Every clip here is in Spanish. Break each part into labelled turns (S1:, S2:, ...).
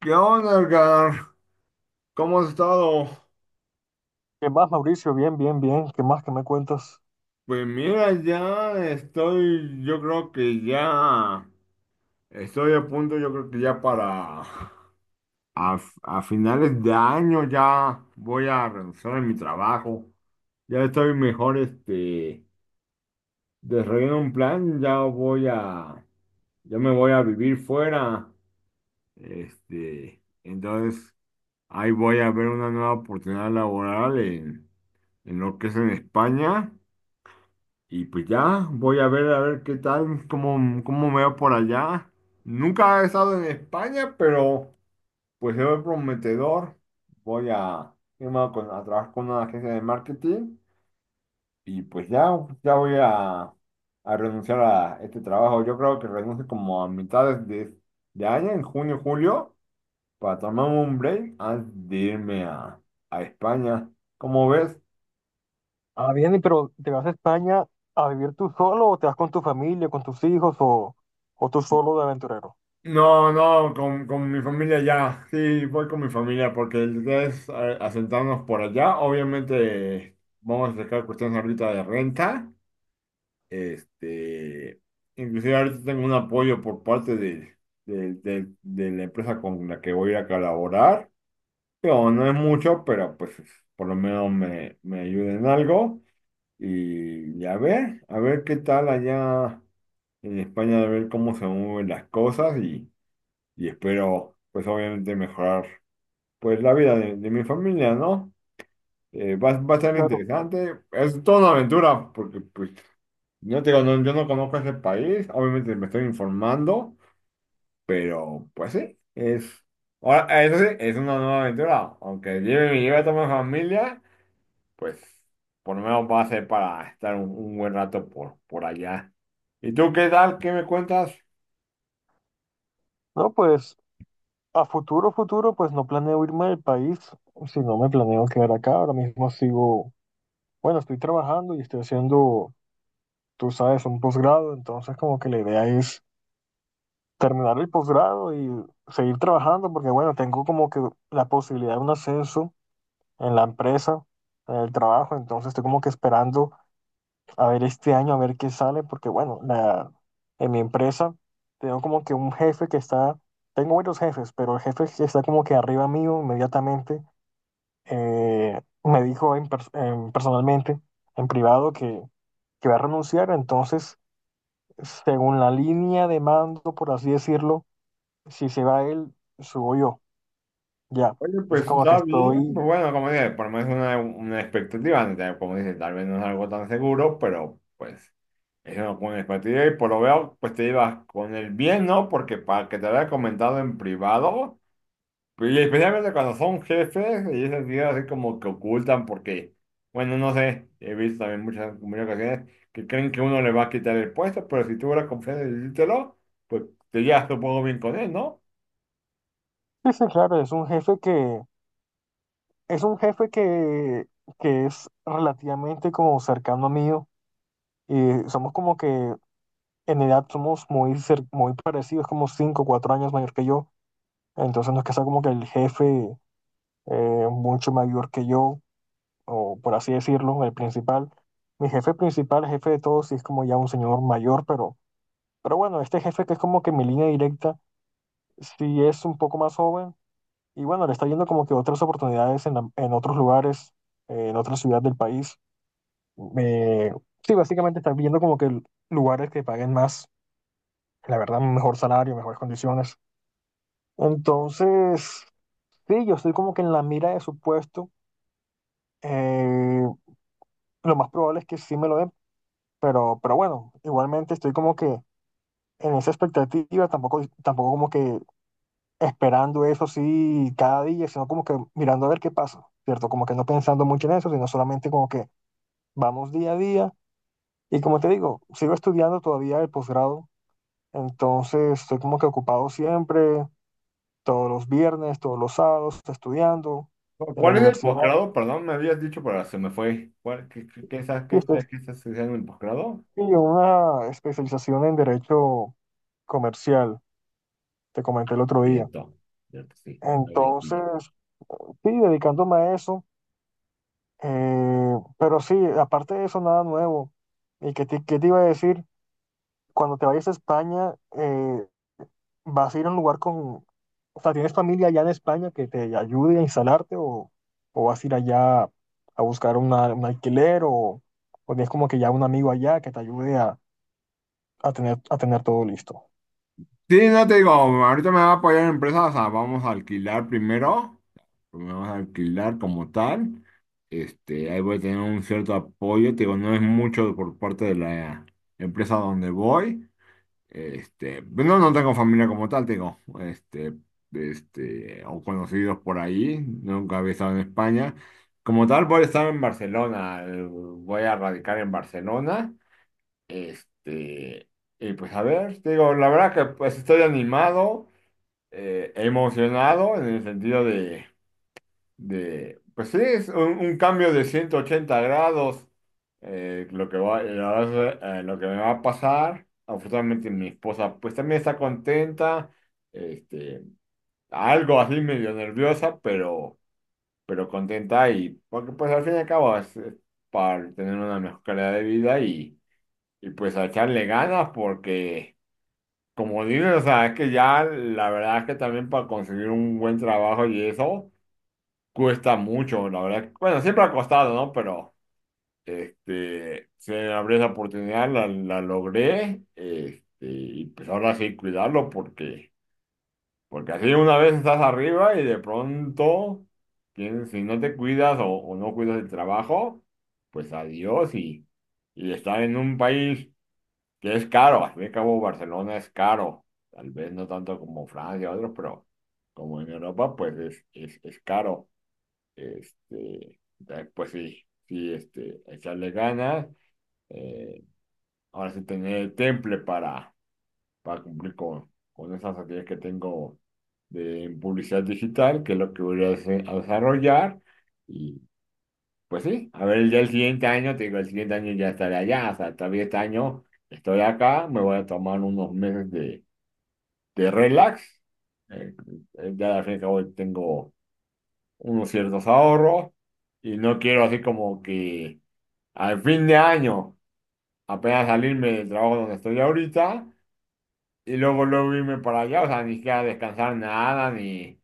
S1: ¿Qué onda, Edgar? ¿Cómo has estado?
S2: ¿Qué más, Mauricio? Bien, bien, bien. ¿Qué más? ¿Qué me cuentas?
S1: Pues mira, ya estoy, yo creo que ya estoy a punto, yo creo que ya para a finales de año ya voy a renunciar a mi trabajo. Ya estoy mejor, desarrollando un plan, ya me voy a vivir fuera. Entonces ahí voy a ver una nueva oportunidad laboral en lo que es en España. Y pues ya, voy a ver qué tal, cómo me veo por allá. Nunca he estado en España, pero pues se ve prometedor. Voy a irme a trabajar con una agencia de marketing, y pues ya, ya voy a, a, renunciar a este trabajo. Yo creo que renuncio como a mitades de año, en junio, julio, para tomarme un break antes de irme a España. ¿Cómo ves?
S2: Ah, bien, y ¿pero te vas a España a vivir tú solo o te vas con tu familia, con tus hijos o tú solo de aventurero?
S1: No, no, con mi familia ya, sí, voy con mi familia porque ustedes asentarnos por allá, obviamente vamos a sacar cuestiones ahorita de renta, este, inclusive ahorita tengo un apoyo por parte de la empresa con la que voy a colaborar, pero no es mucho, pero pues por lo menos me ayuda en algo, y a ver qué tal allá en España, a ver cómo se mueven las cosas, y espero, pues obviamente mejorar, pues la vida de mi familia, ¿no? Va a
S2: Sí,
S1: ser
S2: claro.
S1: interesante, es toda una aventura, porque pues, no te digo, yo no conozco ese país, obviamente me estoy informando, pero pues sí, es, ahora, eso sí, es una nueva aventura, aunque me lleve a toda mi familia, pues por lo menos va a ser para estar un buen rato por allá. ¿Y tú qué tal? ¿Qué me cuentas?
S2: No, pues a futuro, futuro, pues no planeo irme del país, si no me planeo quedar acá. Ahora mismo sigo, bueno, estoy trabajando y estoy haciendo, tú sabes, un posgrado, entonces como que la idea es terminar el posgrado y seguir trabajando porque, bueno, tengo como que la posibilidad de un ascenso en la empresa, en el trabajo, entonces estoy como que esperando a ver este año, a ver qué sale, porque bueno, la, en mi empresa tengo como que un jefe que está, tengo varios jefes, pero el jefe que está como que arriba mío inmediatamente me dijo personalmente, en privado, que va a renunciar, entonces según la línea de mando, por así decirlo, si se va él, subo yo, ya.
S1: Oye,
S2: Entonces
S1: pues
S2: como que
S1: está bien,
S2: estoy...
S1: pues bueno, como dije, por lo menos una expectativa, ¿no? Como dices, tal vez no es algo tan seguro, pero pues es una buena expectativa y por lo veo, pues te llevas con el bien, ¿no? Porque para que te lo haya comentado en privado, y especialmente cuando son jefes y esas ideas así como que ocultan porque, bueno, no sé, he visto también muchas, muchas ocasiones que creen que uno le va a quitar el puesto, pero si tuvo la confianza de decírtelo, pues te llevas supongo bien con él, ¿no?
S2: Sí, sí, claro, es un jefe que. Es un jefe que es relativamente como cercano a mí y somos como que en edad somos muy, muy parecidos, como 5 o 4 años mayor que yo. Entonces no es que sea como que el jefe mucho mayor que yo, o por así decirlo, el principal. Mi jefe principal, el jefe de todos, sí es como ya un señor mayor, pero bueno, este jefe que es como que mi línea directa, sí es un poco más joven y bueno, le está yendo como que otras oportunidades en, en otros lugares, en otra ciudad del país. Eh, sí, básicamente estás viendo como que lugares que paguen más, la verdad, un mejor salario, mejores condiciones. Entonces, sí, yo estoy como que en la mira de su puesto. Eh, lo más probable es que sí me lo den, pero bueno, igualmente estoy como que en esa expectativa, tampoco, tampoco como que esperando eso sí cada día, sino como que mirando a ver qué pasa, ¿cierto? Como que no pensando mucho en eso, sino solamente como que vamos día a día. Y como te digo, sigo estudiando todavía el posgrado. Entonces estoy como que ocupado siempre, todos los viernes, todos los sábados, estudiando en la
S1: ¿Cuál es el
S2: universidad.
S1: posgrado? Perdón, me habías dicho, pero se me fue. ¿Cuál- qué, qué, qué, estás- qué,
S2: Y estoy
S1: estás- qué estás haciendo en el posgrado?
S2: sí, en una especialización en derecho comercial, te comenté el otro día.
S1: Cierto, cierto, sí, lo habías dicho.
S2: Entonces, sí, dedicándome a eso. Pero sí, aparte de eso, nada nuevo. ¿Y qué te iba a decir? Cuando te vayas a España, vas a ir a un lugar con, o sea, ¿tienes familia allá en España que te ayude a instalarte o vas a ir allá a buscar un alquiler o tienes como que ya un amigo allá que te ayude a tener todo listo?
S1: Sí, no te digo, ahorita me va a apoyar la empresa, o sea, vamos a alquilar primero, vamos a alquilar como tal, ahí voy a tener un cierto apoyo, te digo, no es mucho por parte de la empresa donde voy. No, no tengo familia como tal, tengo, o conocidos por ahí, nunca había estado en España. Como tal, voy a estar en Barcelona, voy a radicar en Barcelona, este, y pues a ver, te digo, la verdad que pues estoy animado, emocionado en el sentido de pues sí, es un cambio de 180 grados. Lo que me va a pasar. Afortunadamente mi esposa pues también está contenta. Este, algo así medio nerviosa, pero, contenta, y porque pues al fin y al cabo es, para tener una mejor calidad de vida, y pues a echarle ganas porque, como dices, o sea, es que ya la verdad es que también para conseguir un buen trabajo y eso. Cuesta mucho, la verdad. Bueno, siempre ha costado, ¿no? Pero se me abrió esa oportunidad, la logré, y pues ahora sí cuidarlo porque, así, una vez estás arriba y de pronto, si no te cuidas, o no cuidas el trabajo, pues adiós, y estar en un país que es caro. Al fin y al cabo, Barcelona es caro, tal vez no tanto como Francia o otros, pero como en Europa, pues es caro. Este, pues sí, sí, echarle ganas. eh, ahora sí tener el temple para cumplir con esas actividades que tengo de publicidad digital, que es lo que voy a desarrollar. Y pues sí, a ver, ya el siguiente año, te digo, el siguiente año ya estaré allá, o sea, todavía este año estoy acá, me voy a tomar unos meses de relax. eh, ya al fin y al cabo tengo unos ciertos ahorros, y no quiero así como que al fin de año apenas salirme del trabajo donde estoy ahorita y luego luego irme para allá, o sea, ni siquiera descansar nada, ni,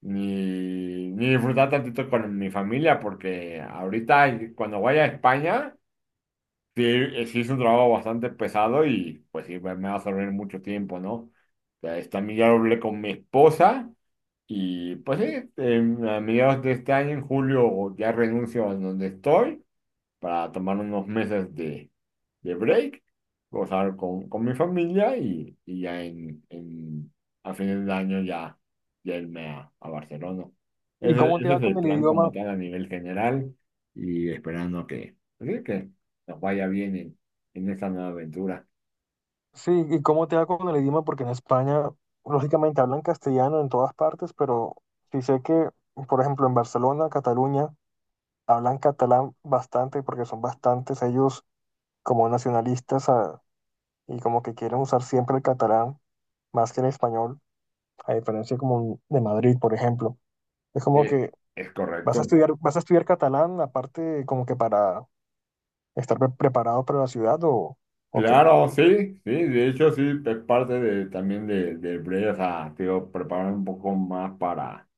S1: ni, ni disfrutar tantito con mi familia, porque ahorita cuando vaya a España, sí, sí es un trabajo bastante pesado, y pues sí, me va a servir mucho tiempo, ¿no? O sea, también ya lo hablé con mi esposa. Y pues sí, a mediados de este año, en julio, ya renuncio a donde estoy para tomar unos meses de break, gozar con mi familia, y ya a fines del año ya irme a Barcelona.
S2: ¿Y
S1: Ese,
S2: cómo te
S1: ese
S2: va
S1: es el
S2: con el
S1: plan como
S2: idioma?
S1: tal a nivel general, y esperando que, pues sí, que nos vaya bien en esta nueva aventura.
S2: Sí, ¿y cómo te va con el idioma? Porque en España, lógicamente, hablan castellano en todas partes, pero sí sé que, por ejemplo, en Barcelona, Cataluña, hablan catalán bastante porque son bastantes ellos como nacionalistas ah, y como que quieren usar siempre el catalán más que en español, a diferencia como de Madrid, por ejemplo. Es como
S1: Eh,
S2: que
S1: es correcto.
S2: vas a estudiar catalán, aparte como que para estar preparado para la ciudad o qué.
S1: Claro, sí, sí, de hecho sí, es parte de, también de, del break, o sea, te digo, preparar un poco más para,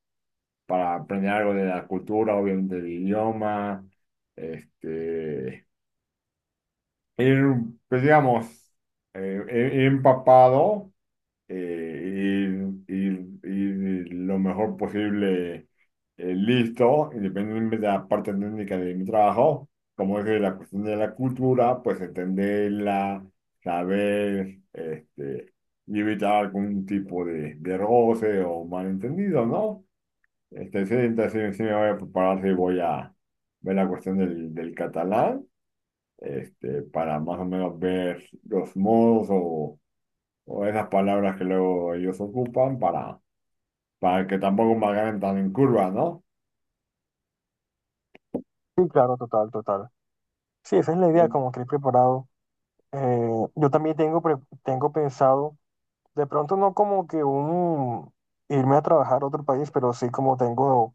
S1: para aprender algo de la cultura, obviamente del idioma, este, ir, pues digamos, ir empapado, ir lo mejor posible, listo, independientemente de la parte técnica de mi trabajo, como es de la cuestión de la cultura, pues entenderla, saber, y evitar algún tipo de roce o malentendido, ¿no? Sí, entonces sí sí me voy a preparar, sí voy a ver la cuestión del catalán, para más o menos ver los modos o esas palabras que luego ellos ocupan para que tampoco me hagan tan en curva, ¿no?
S2: Sí, claro, total, total. Sí, esa es la idea,
S1: Sí.
S2: como que ir preparado. Eh, yo también tengo, tengo pensado, de pronto no como que un irme a trabajar a otro país, pero sí como tengo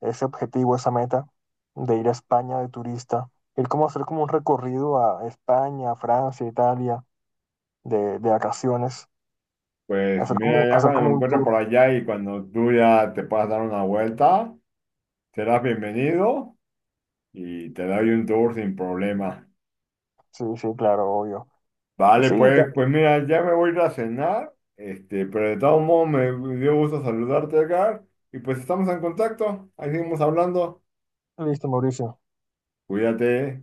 S2: ese objetivo, esa meta de ir a España de turista, ir como a hacer como un recorrido a España, Francia, Italia de vacaciones,
S1: Pues mira, ya
S2: hacer
S1: cuando
S2: como
S1: me
S2: un
S1: encuentre por
S2: tour.
S1: allá y cuando tú ya te puedas dar una vuelta, serás bienvenido y te doy un tour sin problema.
S2: Sí, sí, claro, obvio. Pues
S1: Vale,
S2: sí, ya-
S1: pues, mira, ya me voy a ir a cenar, pero de todos modos me dio gusto saludarte, Edgar, y pues estamos en contacto, ahí seguimos hablando,
S2: listo, Mauricio.
S1: cuídate.